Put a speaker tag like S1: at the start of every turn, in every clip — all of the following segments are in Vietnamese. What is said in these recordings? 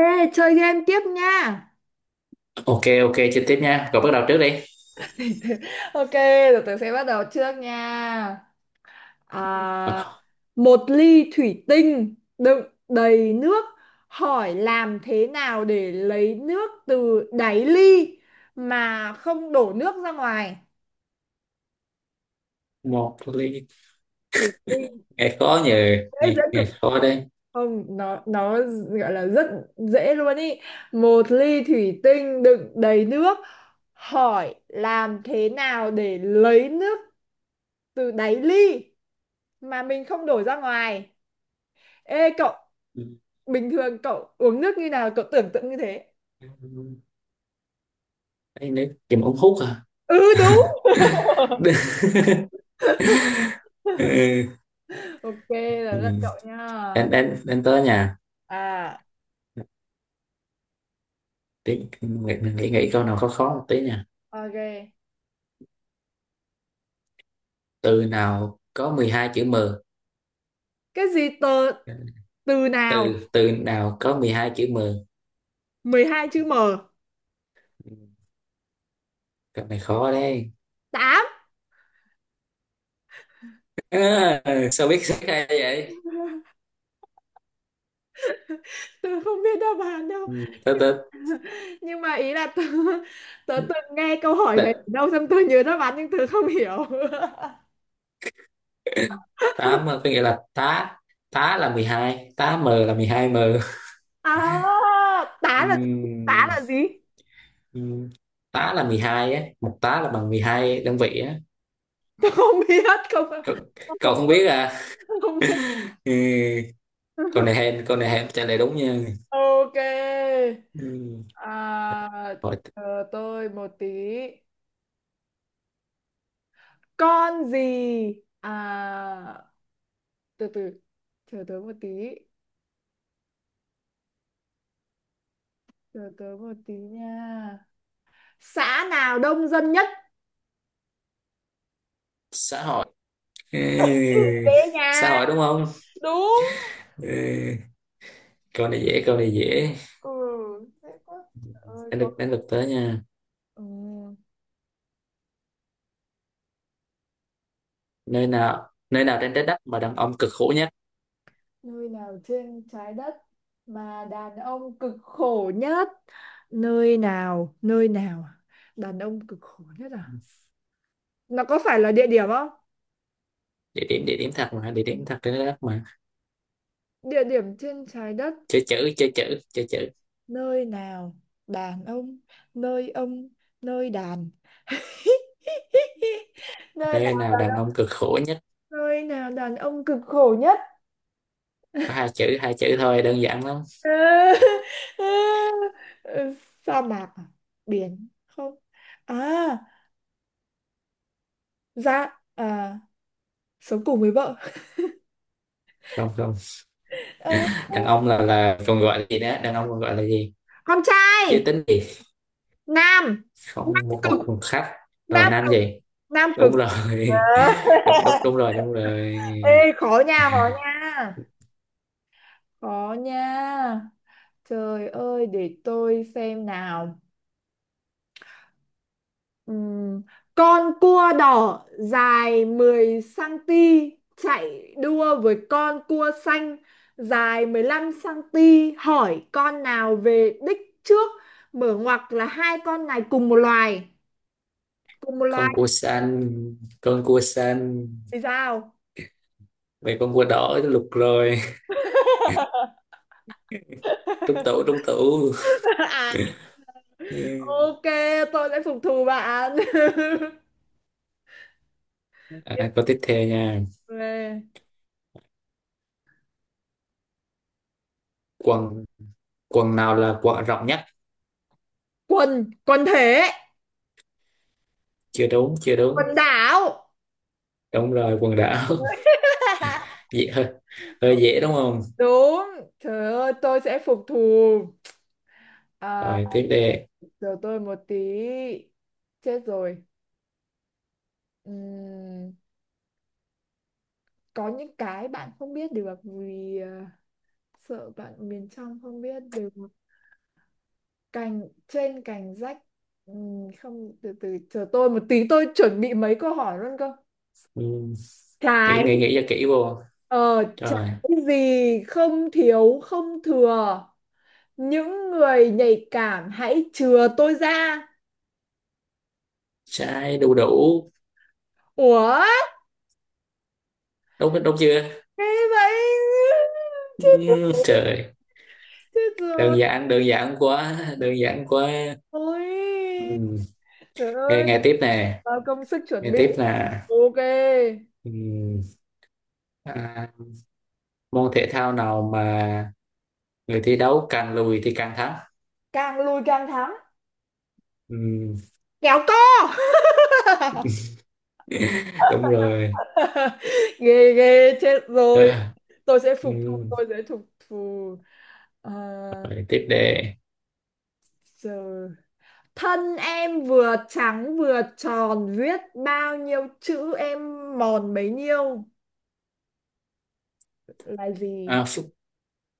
S1: Ê, chơi game tiếp nha.
S2: Ok, ok, chơi tiếp nha. Cậu bắt đầu trước đi.
S1: Ok, rồi tớ sẽ bắt đầu trước nha. À,
S2: Ờ.
S1: một ly thủy tinh đựng đầy nước. Hỏi làm thế nào để lấy nước từ đáy ly mà không đổ nước ra ngoài?
S2: Một ly.
S1: Thủy tinh
S2: Nghe khó nhờ,
S1: dễ dễ
S2: nghe nghe
S1: cực.
S2: khó đấy.
S1: Không, nó gọi là rất dễ luôn ý. Một ly thủy tinh đựng đầy nước. Hỏi làm thế nào để lấy nước từ đáy ly mà mình không đổ ra ngoài. Ê cậu,
S2: Ừ.
S1: bình thường cậu uống nước như nào cậu tưởng tượng như thế.
S2: Đây nữa, chùm ống hút à.
S1: Ừ đúng.
S2: Ừ.
S1: Ok, là
S2: Ừ.
S1: rất cậu
S2: Đến
S1: nha.
S2: đến đến Tới nhà.
S1: À
S2: Tí mình nghĩ nghĩ câu nào khó khó một tí nha.
S1: ok,
S2: Từ nào có 12 chữ M?
S1: cái gì tờ, từ nào
S2: Từ từ nào có 12 chữ M?
S1: 12 chữ m?
S2: Ừ, câu này khó đấy.
S1: Tám.
S2: À, sao biết sai hay vậy?
S1: Tớ không biết đáp án đâu,
S2: Ừ, từ
S1: nhưng, nhưng mà ý là tớ, tớ từng nghe câu hỏi
S2: từ.
S1: này ở đâu xong tớ nhớ đáp án nhưng tớ không hiểu.
S2: Tám có nghĩa là tá. Tá là 12. Tá m là 12 m.
S1: À, tá là, tá
S2: Ừm,
S1: là gì?
S2: ừm, Tá là 12 á. Một tá là bằng 12 đơn vị á.
S1: Không biết, không
S2: Cậu, cậu
S1: không,
S2: không biết à?
S1: không biết.
S2: Ừ, câu này hên trả lời đúng nha.
S1: Ok.
S2: Ừm,
S1: À,
S2: Hội,
S1: chờ tôi một tí. Con gì? À, từ từ, chờ tớ một tí, chờ tớ một tí nha. Xã nào đông dân nhất?
S2: Xã hội. Ừ,
S1: Ừ, thế nha.
S2: xã hội đúng không?
S1: Đúng.
S2: Ừ, câu này dễ câu này dễ.
S1: Ừ, thế quá. Trời ơi
S2: đến
S1: tôi.
S2: được Đến được Tới nha.
S1: Ừ,
S2: Nơi nào trên trái đất mà đàn ông cực khổ nhất?
S1: nơi nào trên trái đất mà đàn ông cực khổ nhất? Nơi nào, nơi nào à? Đàn ông cực khổ nhất à? Nó có phải là địa điểm không?
S2: Địa điểm thật trên trái đất mà.
S1: Địa điểm trên trái đất.
S2: Chơi chữ, chơi chữ, chơi chữ.
S1: Nơi nào đàn ông, nơi ông, nơi đàn. Nơi
S2: Nơi
S1: nào,
S2: nào đàn ông cực khổ nhất?
S1: nơi nào đàn ông cực khổ nhất?
S2: Có hai chữ thôi, đơn giản lắm.
S1: Ờ, ờ, sa mạc à? Biển không? À, dạ à, sống cùng với vợ.
S2: Không, không,
S1: Ờ,
S2: đàn ông là còn gọi là gì đó, đàn ông còn gọi là gì?
S1: con
S2: Giới
S1: trai.
S2: tính gì?
S1: Nam
S2: Không, một
S1: cực,
S2: một một khách. Rồi,
S1: nam
S2: nam
S1: cực,
S2: gì?
S1: nam
S2: Đúng
S1: cực.
S2: rồi. Đúng, đúng, đúng rồi, đúng rồi.
S1: Ê, khó nha, khó nha. Khó nha. Trời ơi, để tôi xem nào. Ừm, con cua đỏ dài 10 cm chạy đua với con cua xanh dài 15 cm, hỏi con nào về đích trước? Mở ngoặc là hai con này cùng một loài, cùng một
S2: Con
S1: loài.
S2: cua xanh, con cua xanh
S1: Thì sao?
S2: về. Con cua đỏ lục rồi. Trúng tủ, trúng tủ.
S1: À ok, tôi sẽ phục thù bạn.
S2: À, câu tiếp theo nha.
S1: Về.
S2: Quần quần nào là quần rộng nhất?
S1: Quần, quần thể,
S2: Chưa đúng, chưa đúng.
S1: quần đảo.
S2: Đúng rồi, quần đảo. dễ hơi Hơi dễ đúng không?
S1: Đúng. Trời ơi, tôi sẽ phục thù. À,
S2: Rồi tiếp đi.
S1: chờ tôi một tí. Chết rồi. Ừm, có những cái bạn không biết được vì à, sợ bạn miền trong không biết được. Cành trên cành rách. Không, từ từ chờ tôi một tí, tôi chuẩn bị mấy câu hỏi luôn cơ.
S2: Ừ. Nghĩ
S1: Trái.
S2: nghĩ nghĩ cho kỹ vô.
S1: Ờ, trái
S2: Rồi,
S1: gì không thiếu không thừa. Những người nhạy cảm hãy chừa tôi ra.
S2: trái đu đủ.
S1: Ủa?
S2: Đúng đúng chưa?
S1: Thế vậy? Chết
S2: Ừ,
S1: rồi.
S2: trời,
S1: Chết rồi.
S2: đơn giản quá.
S1: Ôi.
S2: Ừ.
S1: Trời
S2: Nghe
S1: ơi.
S2: nghe tiếp nè,
S1: Bao công sức chuẩn
S2: nghe
S1: bị.
S2: tiếp là
S1: Ok.
S2: ừ. À, môn thể thao nào mà người thi đấu càng lùi thì càng thắng?
S1: Càng lùi càng thắng.
S2: Ừ.
S1: Kéo co.
S2: Đúng rồi.
S1: Ghê ghê. Chết rồi.
S2: Ờ.
S1: Tôi sẽ phục thù.
S2: Ừ.
S1: Tôi sẽ phục thù. Ờ,
S2: Rồi tiếp đề.
S1: giờ thân em vừa trắng vừa tròn, viết bao nhiêu chữ em mòn bấy nhiêu là gì?
S2: À, phúc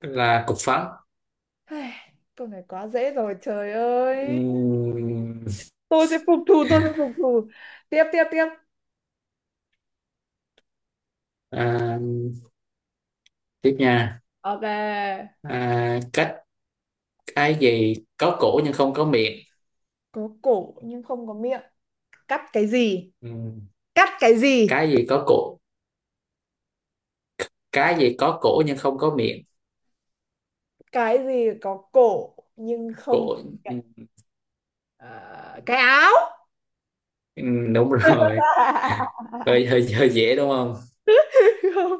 S2: là cục phấn.
S1: Ai, câu này quá dễ rồi trời ơi.
S2: Ừ.
S1: Tôi sẽ phục thù, tôi sẽ phục thù. Tiếp tiếp tiếp.
S2: À, tiếp nha.
S1: Ok.
S2: À, cái gì có cổ nhưng không có miệng?
S1: Có cổ nhưng không có miệng. Cắt cái gì?
S2: Ừm,
S1: Cắt cái gì?
S2: cái gì có cổ cái gì có cổ nhưng không có miệng?
S1: Cái gì có cổ nhưng không
S2: Cổ.
S1: có miệng? Ờ, cái áo.
S2: Đúng rồi. hơi, hơi hơi dễ đúng không?
S1: Không.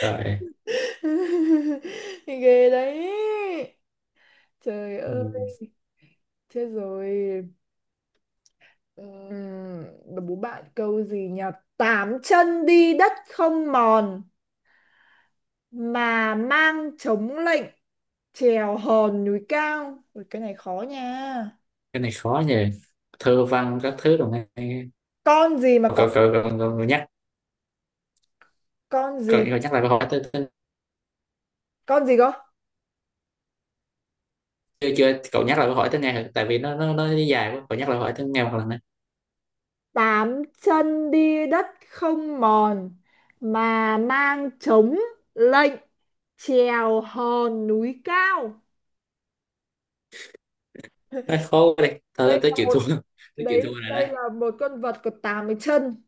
S2: Rồi.
S1: Ghê đấy. Trời ơi,
S2: Ừm,
S1: chết rồi. Ừm, bố bạn câu gì nhỉ? Tám chân đi đất không mòn, mà mang chống lệnh trèo hòn núi cao. Ui, cái này khó nha.
S2: cái này khó nhỉ. Thơ văn các thứ đồng này.
S1: Con gì mà
S2: cậu cậu
S1: có,
S2: cậu, cậu nhắc
S1: con gì?
S2: Cậu nhắc lại câu hỏi tới,
S1: Con gì có?
S2: chưa chưa? Cậu nhắc lại câu hỏi tới nghe thử, tại vì nó dài quá. Cậu nhắc lại câu hỏi tới nghe một lần nữa.
S1: Tám chân đi đất không mòn mà mang chống lệnh trèo hòn núi cao.
S2: Nó khó quá đi thôi,
S1: Đây
S2: tới
S1: là
S2: chịu
S1: một,
S2: thua. Tới chịu
S1: đấy
S2: thua rồi đây.
S1: đây là một con vật có tám cái chân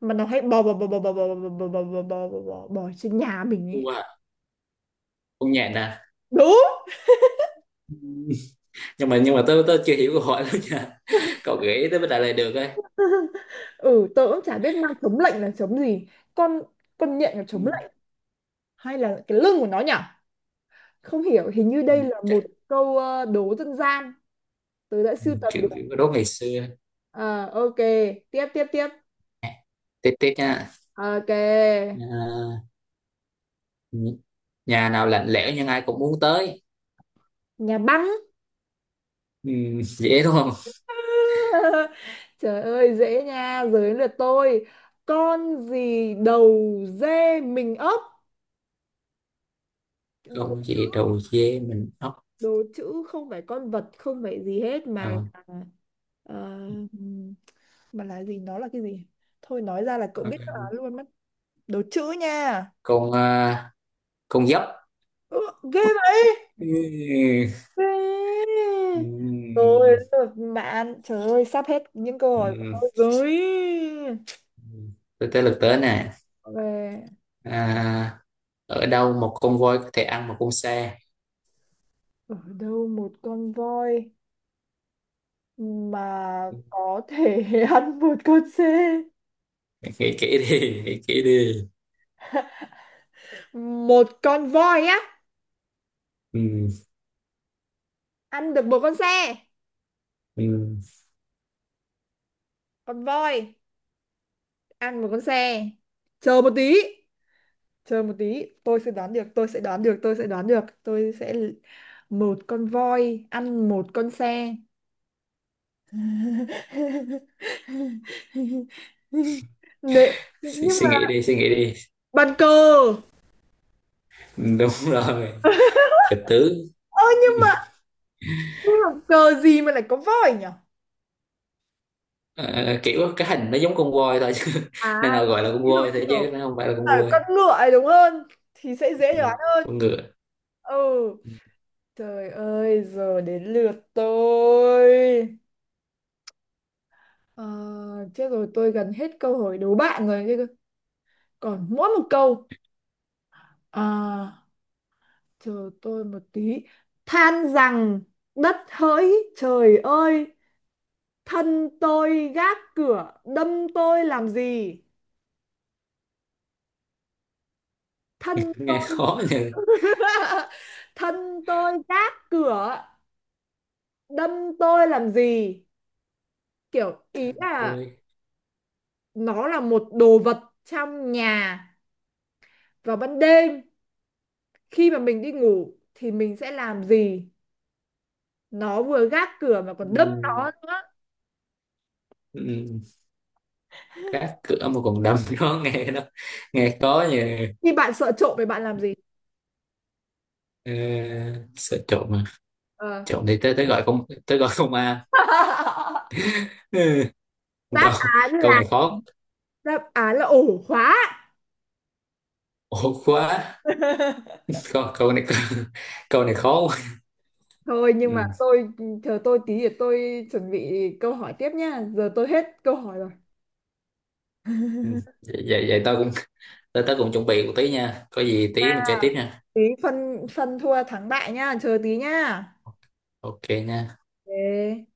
S1: mà nó hay bò bò bò bò bò bò bò bò bò bò bò bò bò bò trên nhà mình ấy.
S2: Thua à. Không nhẹ
S1: Đúng.
S2: nè. Nhưng mà tôi chưa hiểu câu hỏi lắm nha. Cậu gửi tới bên Đại Lề được ấy.
S1: Ừ tớ cũng chả biết mang chống lạnh là chống gì. con con nhện là
S2: Ừ,
S1: chống lạnh, hay là cái lưng của nó nhỉ? Không hiểu, hình như
S2: ừ,
S1: đây là
S2: chắc.
S1: một câu ờ, đố dân gian tớ đã
S2: Ừ,
S1: sưu tầm được.
S2: kiểu kiểu cái đố ngày xưa.
S1: Ờ, ok, tiếp tiếp tiếp.
S2: Nè, tiếp tiếp nha.
S1: Ok.
S2: À, nhà nào lạnh lẽo nhưng ai cũng muốn tới?
S1: Nhà băng.
S2: Ừ. Dễ đúng không?
S1: Trời ơi dễ nha, giới lượt tôi. Con gì đầu dê mình ấp?
S2: Không dễ. Đầu dê mình ốc.
S1: Đồ chữ, không phải con vật, không phải gì hết, mà
S2: đầu
S1: là ờ, mà là gì, nó là cái gì, thôi nói ra là cậu biết đáp luôn mất. Đồ chữ nha.
S2: con à, con dốc.
S1: Ừ, ghê vậy.
S2: Ừ,
S1: Ghê.
S2: ừ,
S1: Rồi bạn, trời ơi sắp hết những câu
S2: ừ.
S1: hỏi của tôi rồi.
S2: Ừ. tới tới lượt tớ nè.
S1: Về.
S2: À, ở đâu một con voi có thể ăn một con xe?
S1: Ở đâu một con voi mà có thể ăn một con xe?
S2: Nghĩ kỹ đi, nghĩ kỹ đi.
S1: Một con voi á?
S2: Ừ.
S1: Ăn được một con xe?
S2: Ừ.
S1: Con voi ăn một con xe. Chờ một tí, chờ một tí, tôi sẽ đoán được, tôi sẽ đoán được, tôi sẽ đoán được, tôi sẽ l-, một con voi ăn một con xe. Nè,
S2: Suy,
S1: nhưng
S2: suy
S1: mà
S2: nghĩ đi, suy nghĩ đi.
S1: bàn cờ.
S2: Ừ, đúng rồi, trịch tướng.
S1: Ơ nhưng mà cờ gì mà lại có voi nhỉ?
S2: Ờ, kiểu cái hình nó giống con voi thôi chứ. Nên
S1: À,
S2: là gọi là con
S1: ví dụ
S2: voi
S1: như
S2: thôi
S1: kiểu
S2: chứ nó không phải là con
S1: ở
S2: voi.
S1: con ngựa ấy đúng hơn thì sẽ dễ
S2: Ừ.
S1: đoán hơn.
S2: Con ngựa.
S1: Ừ, trời ơi giờ đến lượt tôi. Ờ, chết rồi tôi gần hết câu hỏi đố bạn rồi chứ. Còn mỗi một câu. À, chờ tôi một tí. Than rằng đất hỡi trời ơi, thân tôi gác cửa đâm tôi làm gì? Thân tôi.
S2: Nghe khó nhỉ.
S1: Thân tôi gác cửa đâm tôi làm gì? Kiểu ý là
S2: Tôi.
S1: nó là một đồ vật trong nhà, vào ban đêm khi mà mình đi ngủ thì mình sẽ làm gì? Nó vừa gác cửa mà
S2: Ừ.
S1: còn đâm nó nữa.
S2: Ừ. Cá cửa mà còn đâm. nó nghe nó Nghe khó nhỉ.
S1: Khi bạn sợ trộm thì bạn làm gì?
S2: Ờ, sợ trộm mà.
S1: Ờ,
S2: Trộm thì tới tới gọi công an. Ừ.
S1: đáp
S2: câu
S1: án
S2: câu
S1: là,
S2: này khó.
S1: đáp án là ổ khóa.
S2: Ổn quá. Câu câu này. Câu này khó quá.
S1: Thôi nhưng mà
S2: Ừ.
S1: tôi, chờ tôi tí để tôi chuẩn bị câu hỏi tiếp nhá, giờ tôi hết câu hỏi rồi.
S2: Ừ. vậy vậy vậy tao cũng tới Tớ cũng chuẩn bị một tí nha. Có gì tí mình chơi tiếp nha.
S1: Tí phân phân thua thắng bại nhá, chờ tí nhá.
S2: Ok nha.
S1: Ok.